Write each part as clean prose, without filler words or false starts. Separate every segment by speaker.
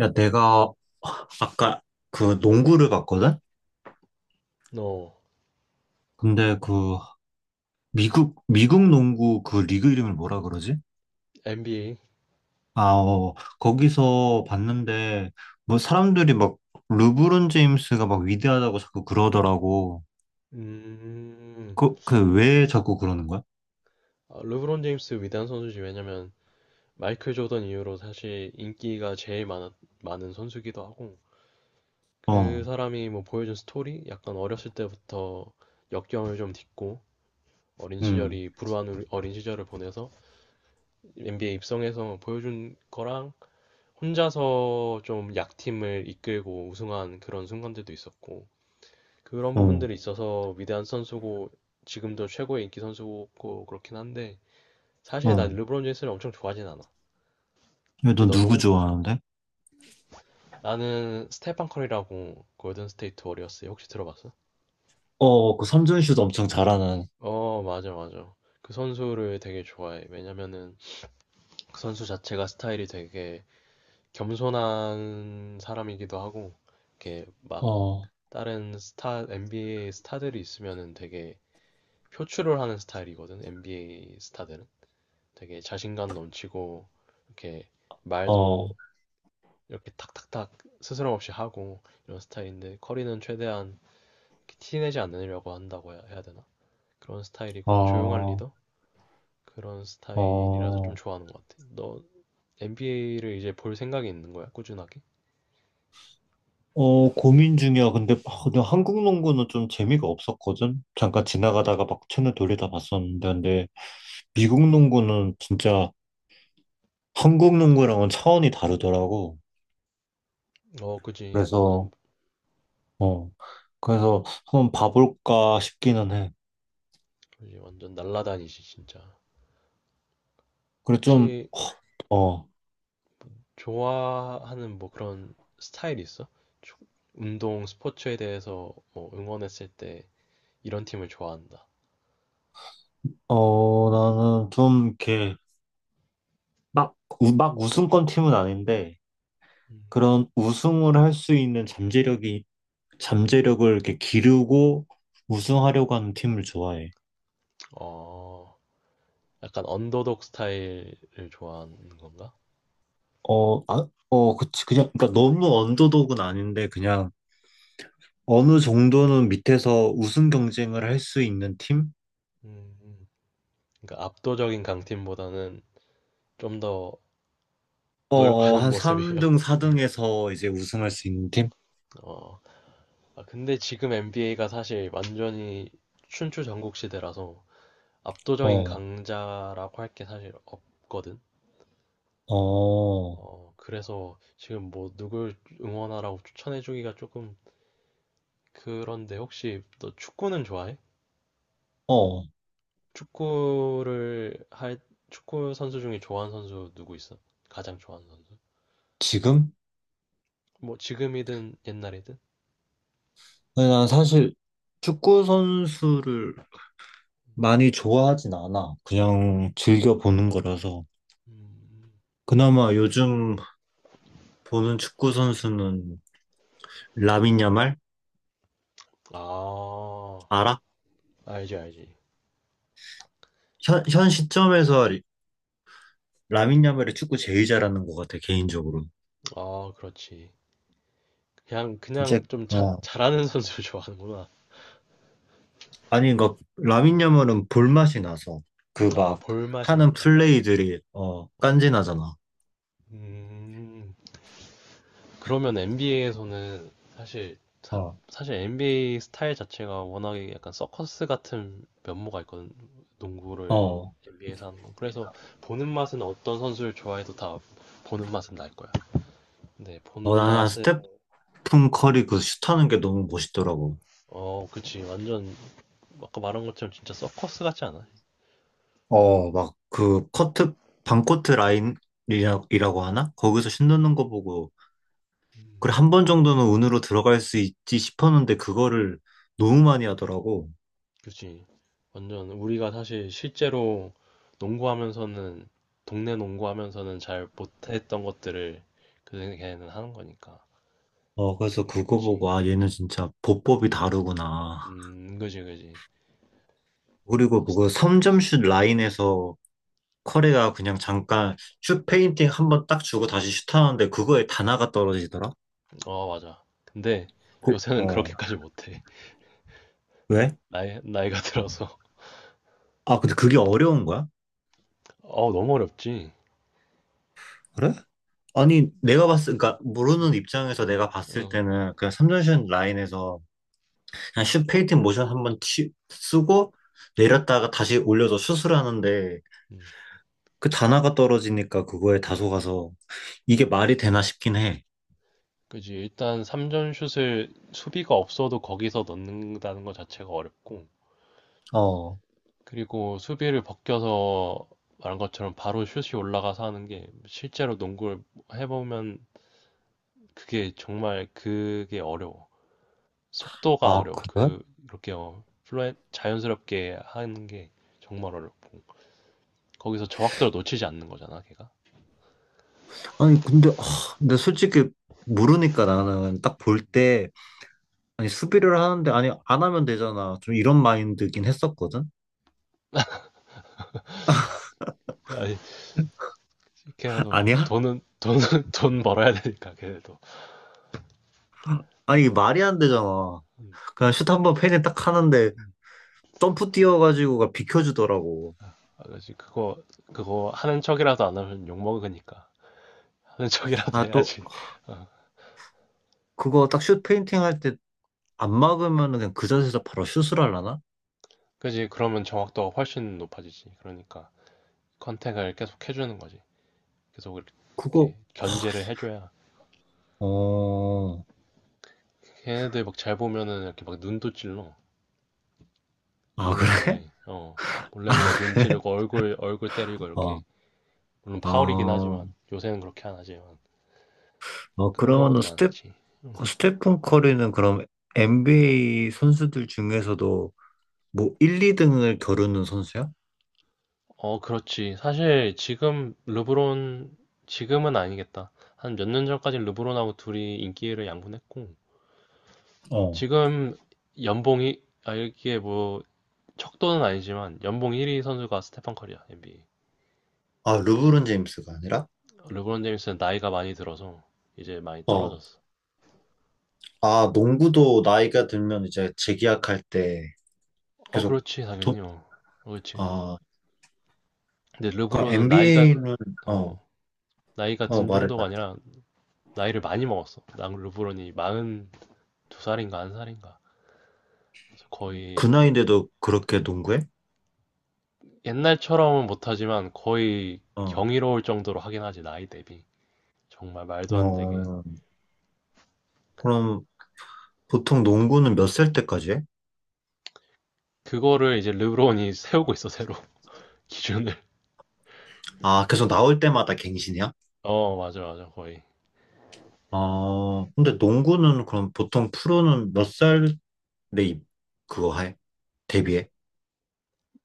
Speaker 1: 야, 내가 아까 그 농구를 봤거든?
Speaker 2: No.
Speaker 1: 근데 그 미국 농구 그 리그 이름을 뭐라 그러지?
Speaker 2: NBA.
Speaker 1: 아, 어, 거기서 봤는데 뭐 사람들이 막 르브론 제임스가 막 위대하다고 자꾸 그러더라고.
Speaker 2: 음,
Speaker 1: 그, 그 왜 자꾸 그러는 거야?
Speaker 2: 아, 르브론 제임스 위대한 선수지. 왜냐면, 마이클 조던 이후로 사실 인기가 제일 많은 선수기도 하고, 그
Speaker 1: 어,
Speaker 2: 사람이 뭐 보여준 스토리? 약간 어렸을 때부터 역경을 좀 딛고, 어린
Speaker 1: 응,
Speaker 2: 시절이, 불우한 어린 시절을 보내서 NBA 입성해서 보여준 거랑, 혼자서 좀 약팀을 이끌고 우승한 그런 순간들도 있었고, 그런
Speaker 1: 어,
Speaker 2: 부분들이 있어서 위대한 선수고, 지금도 최고의 인기 선수고, 그렇긴 한데, 사실 난
Speaker 1: 어.
Speaker 2: 르브론 제임스를 엄청 좋아하진 않아.
Speaker 1: 야,
Speaker 2: 혹시
Speaker 1: 너
Speaker 2: 너
Speaker 1: 누구
Speaker 2: 농구
Speaker 1: 좋아하는데?
Speaker 2: 나는 스테판 커리라고 골든 스테이트 워리어스 혹시 들어봤어?
Speaker 1: 어, 그 삼점슛 엄청 잘하는.
Speaker 2: 어, 맞아, 맞아. 그 선수를 되게 좋아해. 왜냐면은 그 선수 자체가 스타일이 되게 겸손한 사람이기도 하고, 이렇게 막
Speaker 1: 어,
Speaker 2: NBA 스타들이 있으면은 되게 표출을 하는 스타일이거든, NBA 스타들은. 되게 자신감 넘치고, 이렇게
Speaker 1: 어,
Speaker 2: 말도 이렇게 탁탁탁 스스럼 없이 하고 이런 스타일인데 커리는 최대한 티 내지 않으려고 한다고 해야 되나? 그런 스타일이고 조용한
Speaker 1: 어,
Speaker 2: 리더? 그런 스타일이라서 좀
Speaker 1: 어.
Speaker 2: 좋아하는 것 같아. 너 NBA를 이제 볼 생각이 있는 거야? 꾸준하게?
Speaker 1: 어, 고민 중이야. 근데 한국 농구는 좀 재미가 없었거든? 잠깐 지나가다가 막 채널 돌리다 봤었는데, 근데 미국 농구는 진짜 한국 농구랑은 차원이 다르더라고.
Speaker 2: 어, 그지. 완전,
Speaker 1: 그래서, 어, 그래서 한번 봐볼까 싶기는 해.
Speaker 2: 그지. 완전 날라다니지, 진짜.
Speaker 1: 그래, 좀,
Speaker 2: 혹시
Speaker 1: 어,
Speaker 2: 좋아하는 뭐 그런 스타일이 있어? 조- 운동, 스포츠에 대해서 뭐 응원했을 때 이런 팀을 좋아한다.
Speaker 1: 어, 나는 좀 이렇게 막, 막 우승권 팀은 아닌데,
Speaker 2: 음.
Speaker 1: 그런 우승을 할 수 있는 잠재력을 이렇게 기르고 우승하려고 하는 팀을 좋아해.
Speaker 2: 어, 약간 언더독 스타일을 좋아하는 건가?
Speaker 1: 어, 아, 어, 그치. 그냥, 그러니까 너무 언더독은 아닌데, 그냥 어느 정도는 밑에서 우승 경쟁을 할 수 있는 팀?
Speaker 2: 음, 음. 그러니까 압도적인 강팀보다는 좀 더
Speaker 1: 어, 어,
Speaker 2: 노력하는
Speaker 1: 한
Speaker 2: 모습이에요.
Speaker 1: 3등,
Speaker 2: 음,
Speaker 1: 4등에서 이제 우승할 수 있는 팀?
Speaker 2: 어. 아, 근데 지금 NBA가 사실 완전히 춘추 전국 시대라서 압도적인
Speaker 1: 어,
Speaker 2: 강자라고 할 게 사실 없거든.
Speaker 1: 어,
Speaker 2: 어, 그래서 지금 뭐 누굴 응원하라고 추천해주기가 조금 그런데, 혹시 너 축구는 좋아해?
Speaker 1: 어,
Speaker 2: 축구를 할, 축구 선수 중에 좋아하는 선수 누구 있어? 가장 좋아하는 선수?
Speaker 1: 지금?
Speaker 2: 뭐, 지금이든 옛날이든?
Speaker 1: 근데 난 사실 축구 선수를 많이 좋아하진 않아. 그냥 즐겨 보는 거라서.
Speaker 2: 음,
Speaker 1: 그나마 요즘 보는 축구 선수는 라민 야말?
Speaker 2: 아,
Speaker 1: 알아?
Speaker 2: 알지, 알지.
Speaker 1: 현 시점에서 라민 야말이 축구 제일 잘하는 것 같아, 개인적으로.
Speaker 2: 아, 그렇지. 그냥,
Speaker 1: 이제
Speaker 2: 그냥 좀
Speaker 1: 어,
Speaker 2: 잘하는 선수를 좋아하는구나.
Speaker 1: 아니, 그니까 라민 야말은 볼맛이 나서 그
Speaker 2: 아,
Speaker 1: 막
Speaker 2: 볼맛이
Speaker 1: 하는
Speaker 2: 난다.
Speaker 1: 플레이들이 어
Speaker 2: 어.
Speaker 1: 깐지나잖아.
Speaker 2: 음, 그러면 NBA에서는 사실 사,
Speaker 1: 어,
Speaker 2: 실 NBA 스타일 자체가 워낙에 약간 서커스 같은 면모가 있거든. 농구를
Speaker 1: 어,
Speaker 2: NBA에서 하는 건. 그래서 보는 맛은 어떤 선수를 좋아해도 다 보는 맛은 날 거야. 네, 보는
Speaker 1: 어, 나나
Speaker 2: 맛은
Speaker 1: 스테픈 커리 그 슛하는 게 너무 멋있더라고.
Speaker 2: 어, 그치. 완전 아까 말한 것처럼 진짜 서커스 같지 않아?
Speaker 1: 어, 막 그 커트 반코트 라인이라고 하나? 거기서 슛 넣는 거 보고
Speaker 2: 음,
Speaker 1: 그래 한 번 정도는 운으로 들어갈 수 있지 싶었는데 그거를 너무 많이 하더라고.
Speaker 2: 그치. 완전 우리가 사실 실제로 농구하면서는 동네 농구하면서는 잘 못했던 것들을 그 걔는 하는 거니까
Speaker 1: 어, 그래서
Speaker 2: 그런 게
Speaker 1: 그거
Speaker 2: 있지.
Speaker 1: 보고 아 얘는 진짜 보법이 다르구나.
Speaker 2: 그지, 그지.
Speaker 1: 그리고 그거 3점슛 라인에서 커리가 그냥 잠깐 슛 페인팅 한 번 딱 주고 다시 슛하는데 그거에 다나가 떨어지더라?
Speaker 2: 어, 맞아. 근데
Speaker 1: 그,
Speaker 2: 요새는
Speaker 1: 어.
Speaker 2: 그렇게까지 못해.
Speaker 1: 왜?
Speaker 2: 나이가 들어서.
Speaker 1: 아, 근데 그게 어려운 거야?
Speaker 2: 어, 너무 어렵지.
Speaker 1: 그래? 아니, 내가 봤을, 그러니까 모르는
Speaker 2: 음,
Speaker 1: 입장에서 내가 봤을
Speaker 2: 어,
Speaker 1: 때는 그냥 3점슛 라인에서 그냥 슛 페인팅 모션 한 번 쓰고 내렸다가 다시 올려서 슛을 하는데
Speaker 2: 음.
Speaker 1: 그 단아가 떨어지니까 그거에 다소 가서 이게 말이 되나 싶긴 해.
Speaker 2: 그지. 일단 3점 슛을 수비가 없어도 거기서 넣는다는 것 자체가 어렵고.
Speaker 1: 어.
Speaker 2: 그리고 수비를 벗겨서 말한 것처럼 바로 슛이 올라가서 하는 게 실제로 농구를 해보면 그게 정말 그게 어려워. 속도가
Speaker 1: 아,
Speaker 2: 어려워.
Speaker 1: 그래?
Speaker 2: 그렇게 어, 플루 자연스럽게 하는 게 정말 어렵고. 거기서 정확도를 놓치지 않는 거잖아, 걔가.
Speaker 1: 아니 근데 솔직히 모르니까 나는 딱 볼 때 아니 수비를 하는데 아니 안 하면 되잖아 좀 이런 마인드긴 했었거든
Speaker 2: 아니, 걔네도
Speaker 1: 아니야?
Speaker 2: 돈 벌어야 되니까, 걔네도.
Speaker 1: 아니 이게 말이 안 되잖아
Speaker 2: 음,
Speaker 1: 그냥 슛 한번 페인팅 딱 하는데
Speaker 2: 음.
Speaker 1: 점프 뛰어가지고가 비켜주더라고
Speaker 2: 아, 그렇지. 그거 하는 척이라도 안 하면 욕먹으니까. 하는 척이라도
Speaker 1: 아 또
Speaker 2: 해야지. 어.
Speaker 1: 그거 딱 슛 페인팅 할 때 안 막으면 그냥 그 자세에서 바로 슛을 하려나?
Speaker 2: 그지? 그러면 정확도가 훨씬 높아지지. 그러니까 컨택을 계속 해주는 거지. 계속 이렇게
Speaker 1: 그거
Speaker 2: 견제를 해줘야.
Speaker 1: 어...
Speaker 2: 걔네들 막 잘 보면은 이렇게 막 눈도 찔러.
Speaker 1: 아
Speaker 2: 몰래 몰래.
Speaker 1: 그래?
Speaker 2: 어. 몰래 몰래 눈 찌르고 얼굴 때리고
Speaker 1: 어,
Speaker 2: 이렇게. 물론 파울이긴
Speaker 1: 아,
Speaker 2: 하지만 요새는 그렇게 안 하지만
Speaker 1: 어,
Speaker 2: 그런 경우도
Speaker 1: 그러면은 스텝,
Speaker 2: 많았지.
Speaker 1: 어, 스테픈 커리는 그럼 NBA 선수들 중에서도 뭐 1, 2등을 겨루는 선수야?
Speaker 2: 어, 그렇지. 사실 지금 르브론 지금은 아니겠다. 한 몇 년 전까지 르브론하고 둘이 인기를 양분했고
Speaker 1: 어,
Speaker 2: 지금 연봉이, 아 이게 뭐 척도는 아니지만, 연봉 1위 선수가 스테판 커리야 NBA.
Speaker 1: 아, 르브론 제임스가 아니라?
Speaker 2: 르브론 제임스는 나이가 많이 들어서 이제 많이
Speaker 1: 어.
Speaker 2: 떨어졌어.
Speaker 1: 아, 농구도 나이가 들면 이제 재계약할 때
Speaker 2: 어,
Speaker 1: 계속
Speaker 2: 그렇지
Speaker 1: 돈,
Speaker 2: 당연히 어. 어, 그렇지 그지.
Speaker 1: 아,
Speaker 2: 근데
Speaker 1: 그
Speaker 2: 르브론은 나이가
Speaker 1: NBA는, 어,
Speaker 2: 어 나이가
Speaker 1: 어,
Speaker 2: 든
Speaker 1: 말해,
Speaker 2: 정도가
Speaker 1: 말해.
Speaker 2: 아니라 나이를 많이 먹었어. 난 르브론이 42살인가 1살인가 그래서
Speaker 1: 그
Speaker 2: 거의
Speaker 1: 나이인데도 그렇게 농구해?
Speaker 2: 옛날처럼은 못하지만 거의
Speaker 1: 어.
Speaker 2: 경이로울 정도로 하긴 하지 나이 대비 정말 말도 안 되게.
Speaker 1: 어, 그럼 보통 농구는 몇 살 때까지 해?
Speaker 2: 그거를 이제 르브론이 세우고 있어 새로 기준을.
Speaker 1: 아, 계속 나올 때마다 갱신이야?
Speaker 2: 어 맞아 맞아 거의.
Speaker 1: 아, 근데 농구는 그럼 보통 프로는 몇살 내 입, 그거 해? 데뷔해?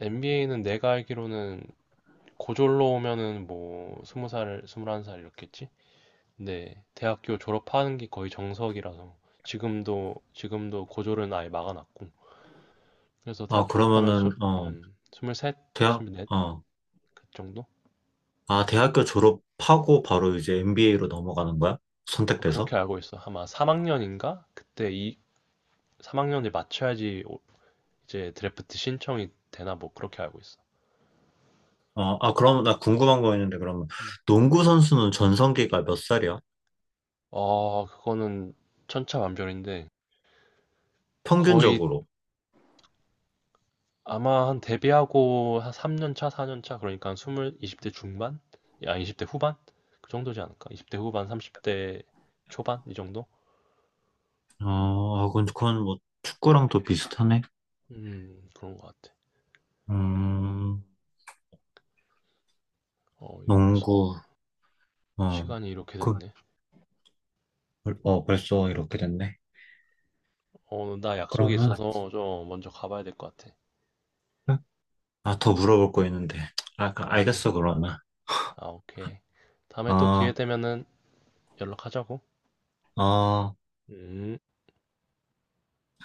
Speaker 2: NBA는 내가 알기로는 고졸로 오면은 뭐 스무 살 스물한 살 이렇겠지 근데 대학교 졸업하는 게 거의 정석이라서 지금도 고졸은 아예 막아놨고 그래서
Speaker 1: 아,
Speaker 2: 대학 졸업하면
Speaker 1: 그러면은, 어,
Speaker 2: 스물셋
Speaker 1: 대학,
Speaker 2: 스물넷
Speaker 1: 어,
Speaker 2: 그 정도.
Speaker 1: 대학교 졸업하고 바로 이제 MBA 로 넘어가는 거야?
Speaker 2: 어,
Speaker 1: 선택돼서?
Speaker 2: 그렇게 알고 있어. 아마 3학년인가? 그때 이 3학년에 맞춰야지 이제 드래프트 신청이 되나 뭐 그렇게 알고 있어.
Speaker 1: 어, 아, 그럼 나 궁금한 거 있는데, 그러면
Speaker 2: 음.
Speaker 1: 농구 선수는 전성기가 몇 살이야?
Speaker 2: 어, 그거는 천차만별인데 거의
Speaker 1: 평균적으로.
Speaker 2: 아마 한 데뷔하고 한 3년 차, 4년 차 그러니까 20대 중반? 아, 20대 후반? 그 정도지 않을까? 20대 후반, 30대 초반 이 정도?
Speaker 1: 어, 아, 그건 뭐 축구랑 또 비슷하네.
Speaker 2: 그런 것 같아.
Speaker 1: 음,
Speaker 2: 어, 이게 벌써
Speaker 1: 농구, 어,
Speaker 2: 시간이 이렇게
Speaker 1: 그,
Speaker 2: 됐네.
Speaker 1: 어, 벌써 이렇게 됐네.
Speaker 2: 어, 나 약속이
Speaker 1: 그러면,
Speaker 2: 있어서 좀 먼저 가봐야 될 것 같아.
Speaker 1: 아, 더 물어볼 거 있는데. 아,
Speaker 2: 아, 그래.
Speaker 1: 알겠어, 그러면.
Speaker 2: 아, 오케이. 다음에 또 기회
Speaker 1: 어,
Speaker 2: 되면은 연락하자고.
Speaker 1: 어.
Speaker 2: 음.